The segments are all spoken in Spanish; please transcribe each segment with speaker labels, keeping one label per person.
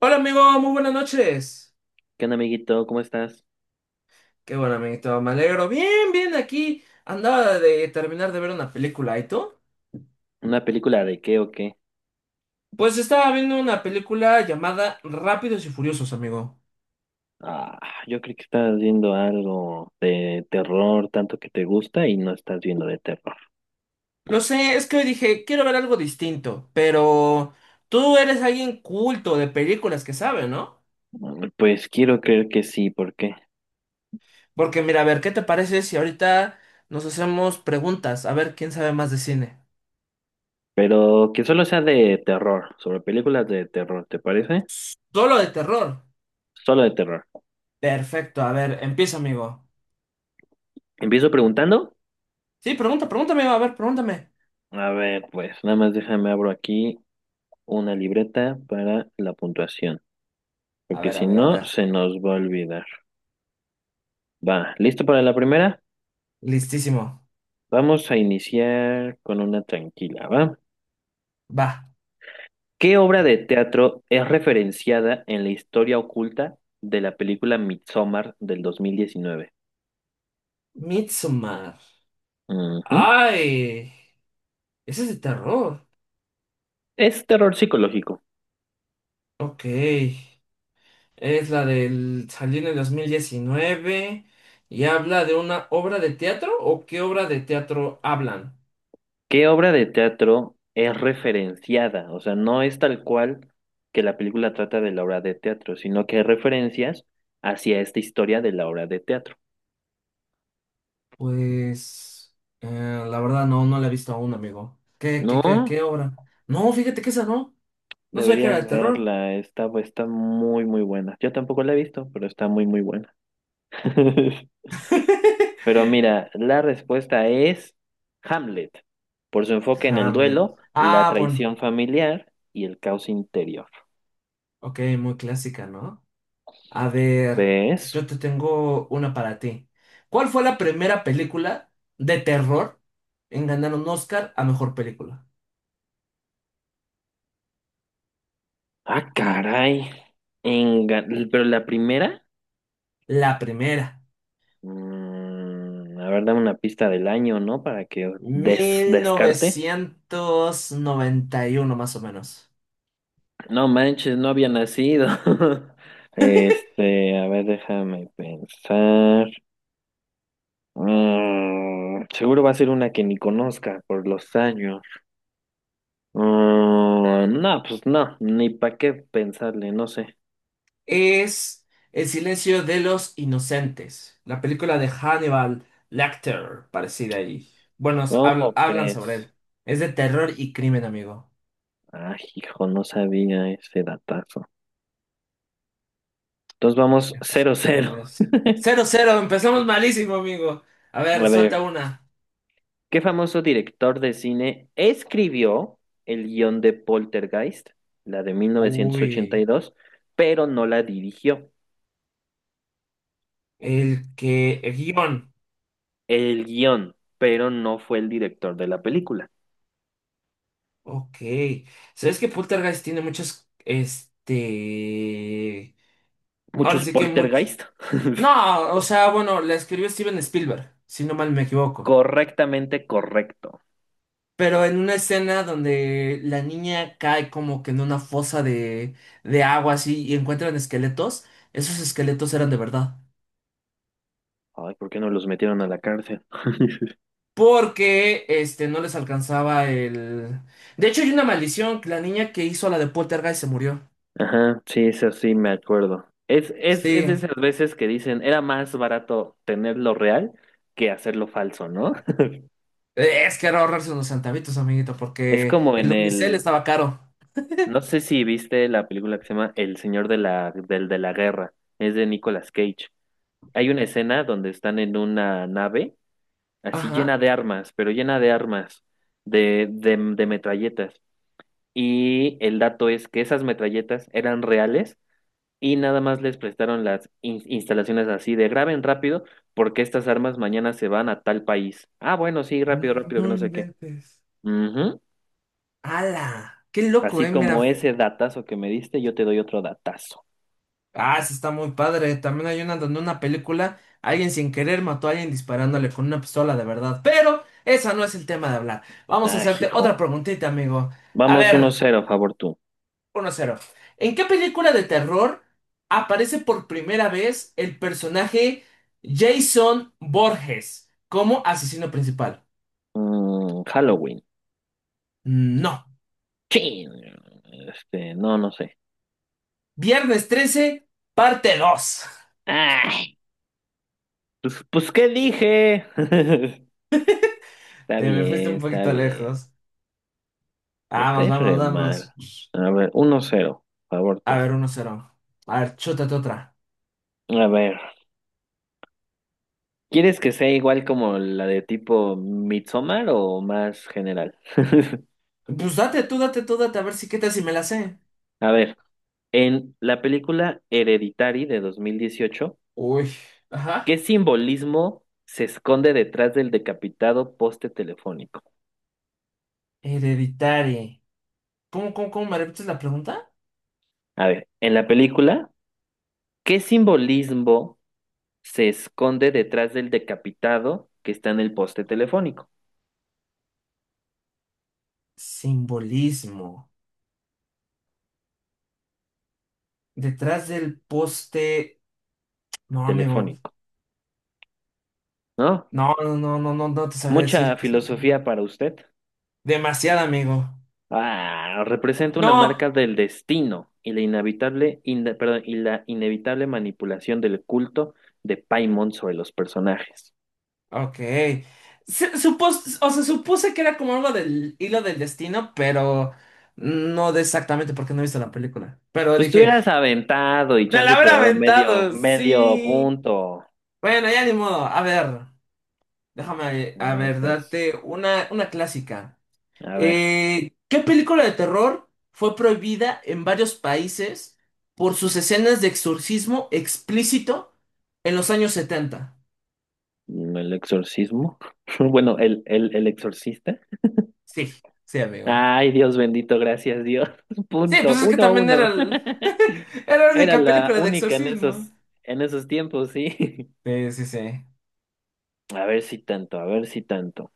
Speaker 1: Hola amigo, muy buenas noches.
Speaker 2: ¿Qué onda, amiguito? ¿Cómo estás?
Speaker 1: Qué bueno, amiguito, me alegro. Bien, bien, aquí andaba de terminar de ver una película, ¿y tú?
Speaker 2: ¿Una película de qué o qué?
Speaker 1: Pues estaba viendo una película llamada Rápidos y Furiosos, amigo.
Speaker 2: Ah, yo creo que estás viendo algo de terror, tanto que te gusta y no estás viendo de terror.
Speaker 1: Lo sé, es que hoy dije, quiero ver algo distinto, pero tú eres alguien culto de películas que sabe, ¿no?
Speaker 2: Pues quiero creer que sí, ¿por qué?
Speaker 1: Porque mira, a ver, ¿qué te parece si ahorita nos hacemos preguntas? A ver, ¿quién sabe más de cine?
Speaker 2: Pero que solo sea de terror, sobre películas de terror, ¿te parece?
Speaker 1: Solo de terror.
Speaker 2: Solo de terror.
Speaker 1: Perfecto, a ver, empieza, amigo.
Speaker 2: ¿Empiezo preguntando?
Speaker 1: Sí, pregunta, pregunta, amigo, a ver, pregúntame.
Speaker 2: A ver, pues nada más déjame abro aquí una libreta para la puntuación,
Speaker 1: A
Speaker 2: porque
Speaker 1: ver, a
Speaker 2: si
Speaker 1: ver, a
Speaker 2: no,
Speaker 1: ver.
Speaker 2: se nos va a olvidar. Va, ¿listo para la primera?
Speaker 1: Listísimo.
Speaker 2: Vamos a iniciar con una tranquila, ¿va?
Speaker 1: Va.
Speaker 2: ¿Qué obra de teatro es referenciada en la historia oculta de la película Midsommar del 2019?
Speaker 1: Midsommar.
Speaker 2: Ujú.
Speaker 1: ¡Ay! Ese es de terror.
Speaker 2: Es terror psicológico.
Speaker 1: Ok. Es la del salió en el 2019 y habla de una obra de teatro o qué obra de teatro hablan.
Speaker 2: ¿Qué obra de teatro es referenciada? O sea, no es tal cual que la película trata de la obra de teatro, sino que hay referencias hacia esta historia de la obra de teatro.
Speaker 1: Pues... la verdad no la he visto aún, amigo. ¿Qué, qué, qué,
Speaker 2: No,
Speaker 1: qué obra? No, fíjate que esa no. No sabía que era
Speaker 2: deberías
Speaker 1: de terror.
Speaker 2: verla, está muy, muy buena. Yo tampoco la he visto, pero está muy, muy buena. Pero mira, la respuesta es Hamlet, por su enfoque en el
Speaker 1: Hamlet.
Speaker 2: duelo, la
Speaker 1: Ah, bueno.
Speaker 2: traición familiar y el caos interior.
Speaker 1: Ok, muy clásica, ¿no? A ver,
Speaker 2: ¿Ves?
Speaker 1: yo te tengo una para ti. ¿Cuál fue la primera película de terror en ganar un Oscar a mejor película?
Speaker 2: Ah, caray. Enga- Pero la primera,
Speaker 1: La primera.
Speaker 2: a ver, dame una pista del año, ¿no? Para que des-
Speaker 1: Mil
Speaker 2: descarte.
Speaker 1: novecientos noventa y uno más o menos.
Speaker 2: No manches, no había nacido. Este, a ver, déjame pensar. Seguro va a ser una que ni conozca por los años. No, pues no, ni para qué pensarle, no sé.
Speaker 1: Es El silencio de los inocentes. La película de Hannibal Lecter, parecida ahí. Bueno,
Speaker 2: ¿Cómo
Speaker 1: hablan sobre él.
Speaker 2: crees?
Speaker 1: Es de terror y crimen, amigo.
Speaker 2: Ay, hijo, no sabía ese datazo. Entonces vamos cero
Speaker 1: ¿Cómo
Speaker 2: cero.
Speaker 1: crees? 0-0, empezamos malísimo, amigo. A ver,
Speaker 2: A
Speaker 1: suelta
Speaker 2: ver,
Speaker 1: una.
Speaker 2: ¿qué famoso director de cine escribió el guión de Poltergeist, la de mil novecientos ochenta y
Speaker 1: Uy,
Speaker 2: dos pero no la dirigió?
Speaker 1: el que... El guión.
Speaker 2: El guión, pero no fue el director de la película.
Speaker 1: Ok. ¿Sabes que Poltergeist tiene muchos... Ahora
Speaker 2: Muchos
Speaker 1: sí que mucho...
Speaker 2: Poltergeist.
Speaker 1: No, o sea, bueno, la escribió Steven Spielberg, si no mal me equivoco.
Speaker 2: Correctamente correcto.
Speaker 1: Pero en una escena donde la niña cae como que en una fosa de agua así y encuentran esqueletos, esos esqueletos eran de verdad.
Speaker 2: Ay, ¿por qué no los metieron a la cárcel?
Speaker 1: Porque no les alcanzaba el... De hecho, hay una maldición, que la niña que hizo la de Poltergeist se murió.
Speaker 2: Ajá, sí, eso sí me acuerdo. Es de
Speaker 1: Sí,
Speaker 2: esas veces que dicen, era más barato tenerlo real que hacerlo falso, ¿no?
Speaker 1: es que era ahorrarse unos centavitos, amiguito,
Speaker 2: Es
Speaker 1: porque
Speaker 2: como
Speaker 1: el
Speaker 2: en
Speaker 1: unicel
Speaker 2: el,
Speaker 1: estaba caro.
Speaker 2: no sé si viste la película que se llama El Señor de la Guerra, es de Nicolas Cage. Hay una escena donde están en una nave así llena
Speaker 1: Ajá.
Speaker 2: de armas, pero llena de armas, de metralletas. Y el dato es que esas metralletas eran reales y nada más les prestaron las instalaciones así de graben rápido porque estas armas mañana se van a tal país. Ah, bueno, sí, rápido, rápido,
Speaker 1: No
Speaker 2: que no sé qué.
Speaker 1: inventes.
Speaker 2: Ujú.
Speaker 1: ¡Hala! ¡Qué loco,
Speaker 2: Así
Speaker 1: eh!
Speaker 2: como
Speaker 1: Mira.
Speaker 2: ese datazo que me diste, yo te doy otro datazo.
Speaker 1: Ah, sí está muy padre. También hay una donde una película, alguien sin querer mató a alguien disparándole con una pistola de verdad. Pero esa no es el tema de hablar. Vamos a
Speaker 2: Ah,
Speaker 1: hacerte
Speaker 2: hijo.
Speaker 1: otra preguntita, amigo. A
Speaker 2: Vamos uno
Speaker 1: ver.
Speaker 2: cero favor tú.
Speaker 1: Uno cero. ¿En qué película de terror aparece por primera vez el personaje Jason Borges como asesino principal?
Speaker 2: Halloween.
Speaker 1: No.
Speaker 2: Chin. Este, no, no sé.
Speaker 1: Viernes 13, parte dos.
Speaker 2: Ay, pues, ¿qué dije? Está
Speaker 1: Te me fuiste
Speaker 2: bien,
Speaker 1: un
Speaker 2: está
Speaker 1: poquito
Speaker 2: bien.
Speaker 1: lejos.
Speaker 2: Me
Speaker 1: Vamos,
Speaker 2: caes re
Speaker 1: vamos,
Speaker 2: mal.
Speaker 1: vamos.
Speaker 2: A ver, uno cero favor
Speaker 1: A
Speaker 2: tú.
Speaker 1: ver, uno cero. A ver, chútate otra.
Speaker 2: A ver. ¿Quieres que sea igual como la de tipo Midsommar o más general?
Speaker 1: Pues date tú, date tú, date, a ver si qué tal si me la sé.
Speaker 2: A ver, en la película Hereditary de 2018,
Speaker 1: Uy, ajá.
Speaker 2: ¿qué simbolismo se esconde detrás del decapitado poste telefónico?
Speaker 1: Hereditaria. ¿Cómo me repites la pregunta?
Speaker 2: A ver, en la película, ¿qué simbolismo se esconde detrás del decapitado que está en el poste telefónico?
Speaker 1: Simbolismo. Detrás del poste. No, amigo.
Speaker 2: Telefónico, ¿no?
Speaker 1: No, te sabré decir.
Speaker 2: Mucha
Speaker 1: ¿Qué es
Speaker 2: filosofía para usted.
Speaker 1: demasiado, amigo.
Speaker 2: Ah, representa una
Speaker 1: No.
Speaker 2: marca del destino y la inevitable, perdón, y la inevitable manipulación del culto de Paimon sobre los personajes.
Speaker 1: Ok. Supuse que era como algo del hilo del destino, pero no de exactamente porque no he visto la película. Pero
Speaker 2: Pues tú
Speaker 1: dije,
Speaker 2: hubieras aventado y
Speaker 1: me la
Speaker 2: chance te
Speaker 1: habrá
Speaker 2: daba medio,
Speaker 1: aventado.
Speaker 2: medio
Speaker 1: Sí.
Speaker 2: punto.
Speaker 1: Bueno, ya ni modo. A ver, déjame,
Speaker 2: A
Speaker 1: a
Speaker 2: ver,
Speaker 1: ver,
Speaker 2: pues,
Speaker 1: darte una clásica.
Speaker 2: a ver,
Speaker 1: ¿Qué película de terror fue prohibida en varios países por sus escenas de exorcismo explícito en los años 70?
Speaker 2: el exorcismo. Bueno, el exorcista.
Speaker 1: Sí, sí, amigo.
Speaker 2: Ay, Dios bendito, gracias Dios.
Speaker 1: Sí, pues
Speaker 2: Punto,
Speaker 1: es que
Speaker 2: uno,
Speaker 1: también
Speaker 2: uno.
Speaker 1: era la
Speaker 2: Era
Speaker 1: única
Speaker 2: la
Speaker 1: película de
Speaker 2: única en
Speaker 1: exorcismo.
Speaker 2: esos, en esos tiempos, sí.
Speaker 1: Sí, sí, sí.
Speaker 2: A ver si tanto, a ver si tanto.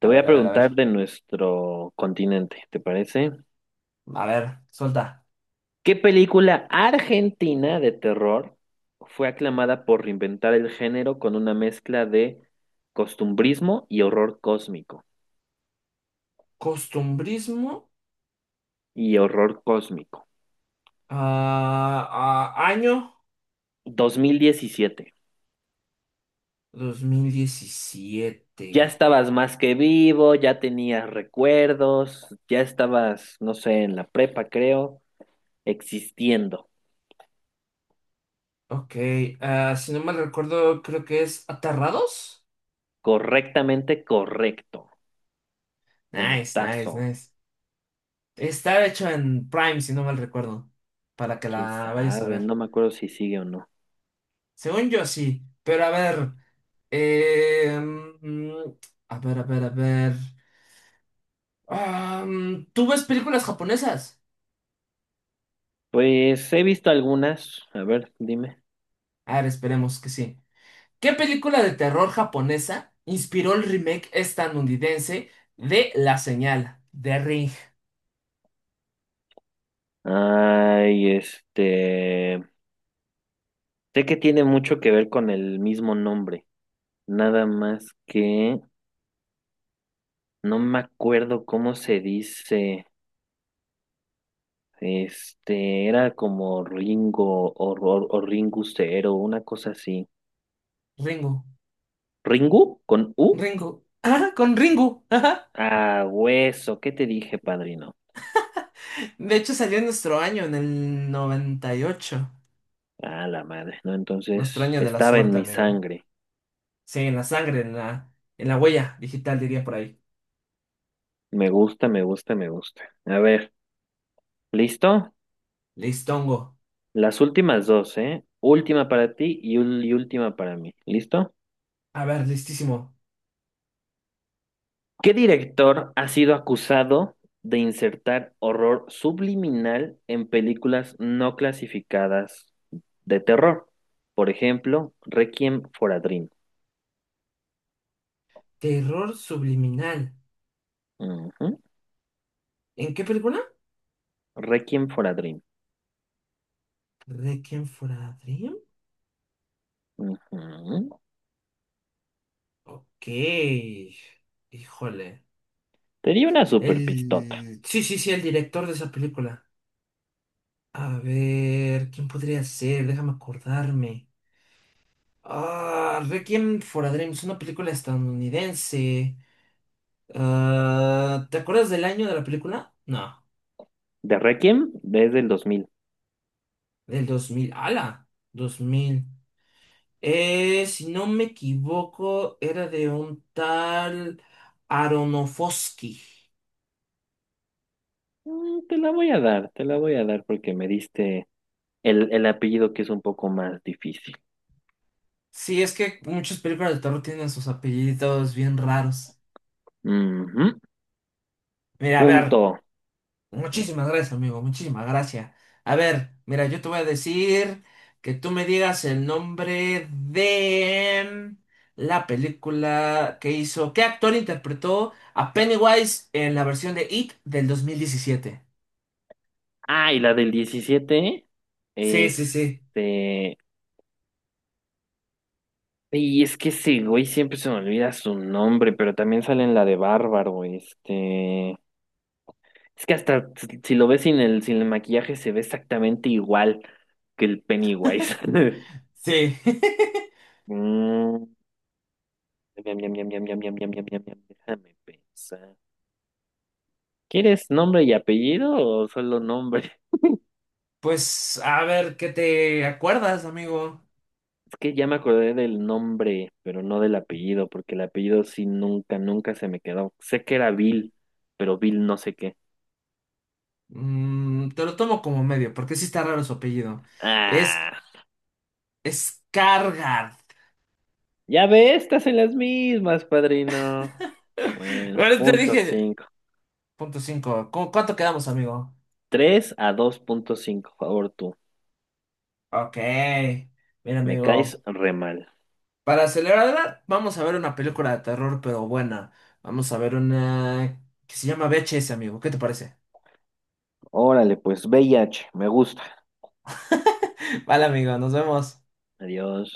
Speaker 2: Te
Speaker 1: A
Speaker 2: voy
Speaker 1: ver,
Speaker 2: a
Speaker 1: a ver, a ver.
Speaker 2: preguntar de nuestro continente, ¿te parece?
Speaker 1: A ver, suelta.
Speaker 2: ¿Qué película argentina de terror fue aclamada por reinventar el género con una mezcla de costumbrismo y horror cósmico?
Speaker 1: Costumbrismo.
Speaker 2: Y horror cósmico.
Speaker 1: Ah, año
Speaker 2: 2017.
Speaker 1: dos mil
Speaker 2: Ya
Speaker 1: diecisiete.
Speaker 2: estabas más que vivo, ya tenías recuerdos, ya estabas, no sé, en la prepa, creo, existiendo.
Speaker 1: Ok, si no mal recuerdo, creo que es Aterrados.
Speaker 2: Correctamente correcto.
Speaker 1: Nice, nice,
Speaker 2: Puntazo.
Speaker 1: nice. Está hecho en Prime, si no mal recuerdo, para que
Speaker 2: ¿Quién
Speaker 1: la vayas a
Speaker 2: sabe?
Speaker 1: ver.
Speaker 2: No me acuerdo si sigue o no.
Speaker 1: Según yo, sí, pero a ver, eh, mm, a ver, a ver, a ver. ¿Tú ves películas japonesas?
Speaker 2: Pues he visto algunas, a ver, dime.
Speaker 1: A ver, esperemos que sí. ¿Qué película de terror japonesa inspiró el remake estadounidense de La Señal, de Ring,
Speaker 2: Ay, este, sé que tiene mucho que ver con el mismo nombre, nada más que no me acuerdo cómo se dice. Este, era como Ringo o Ringu Cero, una cosa así.
Speaker 1: Ringo,
Speaker 2: ¿Ringu? ¿Con U?
Speaker 1: Ringo? Ah, con Ringo. Ajá.
Speaker 2: Ah, hueso, ¿qué te dije, padrino?
Speaker 1: De hecho, salió en nuestro año, en el 98.
Speaker 2: Ah, la madre, ¿no?
Speaker 1: Nuestro
Speaker 2: Entonces,
Speaker 1: año de la
Speaker 2: estaba en
Speaker 1: suerte,
Speaker 2: mi
Speaker 1: amigo.
Speaker 2: sangre.
Speaker 1: Sí, en la sangre, en la huella digital, diría por ahí.
Speaker 2: Me gusta, me gusta, me gusta. A ver, ¿listo?
Speaker 1: Listongo.
Speaker 2: Las últimas dos, ¿eh? Última para ti y última para mí. ¿Listo?
Speaker 1: A ver, listísimo.
Speaker 2: ¿Qué director ha sido acusado de insertar horror subliminal en películas no clasificadas de terror? Por ejemplo, Requiem for a Dream.
Speaker 1: Terror subliminal.
Speaker 2: Ujú.
Speaker 1: ¿En qué película?
Speaker 2: Requiem for a Dream.
Speaker 1: ¿Requiem for a Dream?
Speaker 2: Ujú.
Speaker 1: Ok. Híjole.
Speaker 2: Te di una super pistota.
Speaker 1: El... el director de esa película. A ver, ¿quién podría ser? Déjame acordarme. Ah, Requiem for a Dream es una película estadounidense. Ah, ¿te acuerdas del año de la película? No,
Speaker 2: De Requiem desde el 2000.
Speaker 1: del 2000. ¡Hala! Dos mil. Si no me equivoco, era de un tal Aronofsky.
Speaker 2: Te la voy a dar, te la voy a dar porque me diste el apellido que es un poco más difícil.
Speaker 1: Sí, es que muchas películas de terror tienen sus apellidos bien raros.
Speaker 2: Ujú.
Speaker 1: Mira, a ver,
Speaker 2: Punto.
Speaker 1: muchísimas gracias, amigo, muchísimas gracias. A ver, mira, yo te voy a decir que tú me digas el nombre de la película que hizo, qué actor interpretó a Pennywise en la versión de It del 2017.
Speaker 2: Ah, y la del 17
Speaker 1: Sí, sí, sí,
Speaker 2: este... Y es que ese güey siempre se me olvida su nombre, pero también sale en la de Bárbaro. Es que hasta si lo ves sin el maquillaje se ve exactamente igual que el Pennywise.
Speaker 1: sí.
Speaker 2: Mm, miam, miam, miam, miam, miam, miam, miam, miam, miam, miam. Déjame pensar. ¿Quieres nombre y apellido o solo nombre?
Speaker 1: Pues a ver, ¿qué te acuerdas, amigo?
Speaker 2: Es que ya me acordé del nombre, pero no del apellido, porque el apellido sí nunca, nunca se me quedó. Sé que era Bill, pero Bill no sé qué.
Speaker 1: Te lo tomo como medio, porque sí está raro su apellido. Es
Speaker 2: Ah,
Speaker 1: Skargard.
Speaker 2: ya ve, estas en las mismas, padrino. Bueno,
Speaker 1: Bueno, te
Speaker 2: punto
Speaker 1: dije,
Speaker 2: cinco.
Speaker 1: punto cinco. ¿Cuánto quedamos, amigo?
Speaker 2: Tres a dos punto cinco, favor tú.
Speaker 1: Ok. Mira,
Speaker 2: Me caes
Speaker 1: amigo.
Speaker 2: re mal.
Speaker 1: Para celebrar, vamos a ver una película de terror, pero buena. Vamos a ver una que se llama VHS, amigo. ¿Qué te parece?
Speaker 2: Órale, pues, VIH. Me gusta.
Speaker 1: Vale, amigo, nos vemos.
Speaker 2: Adiós.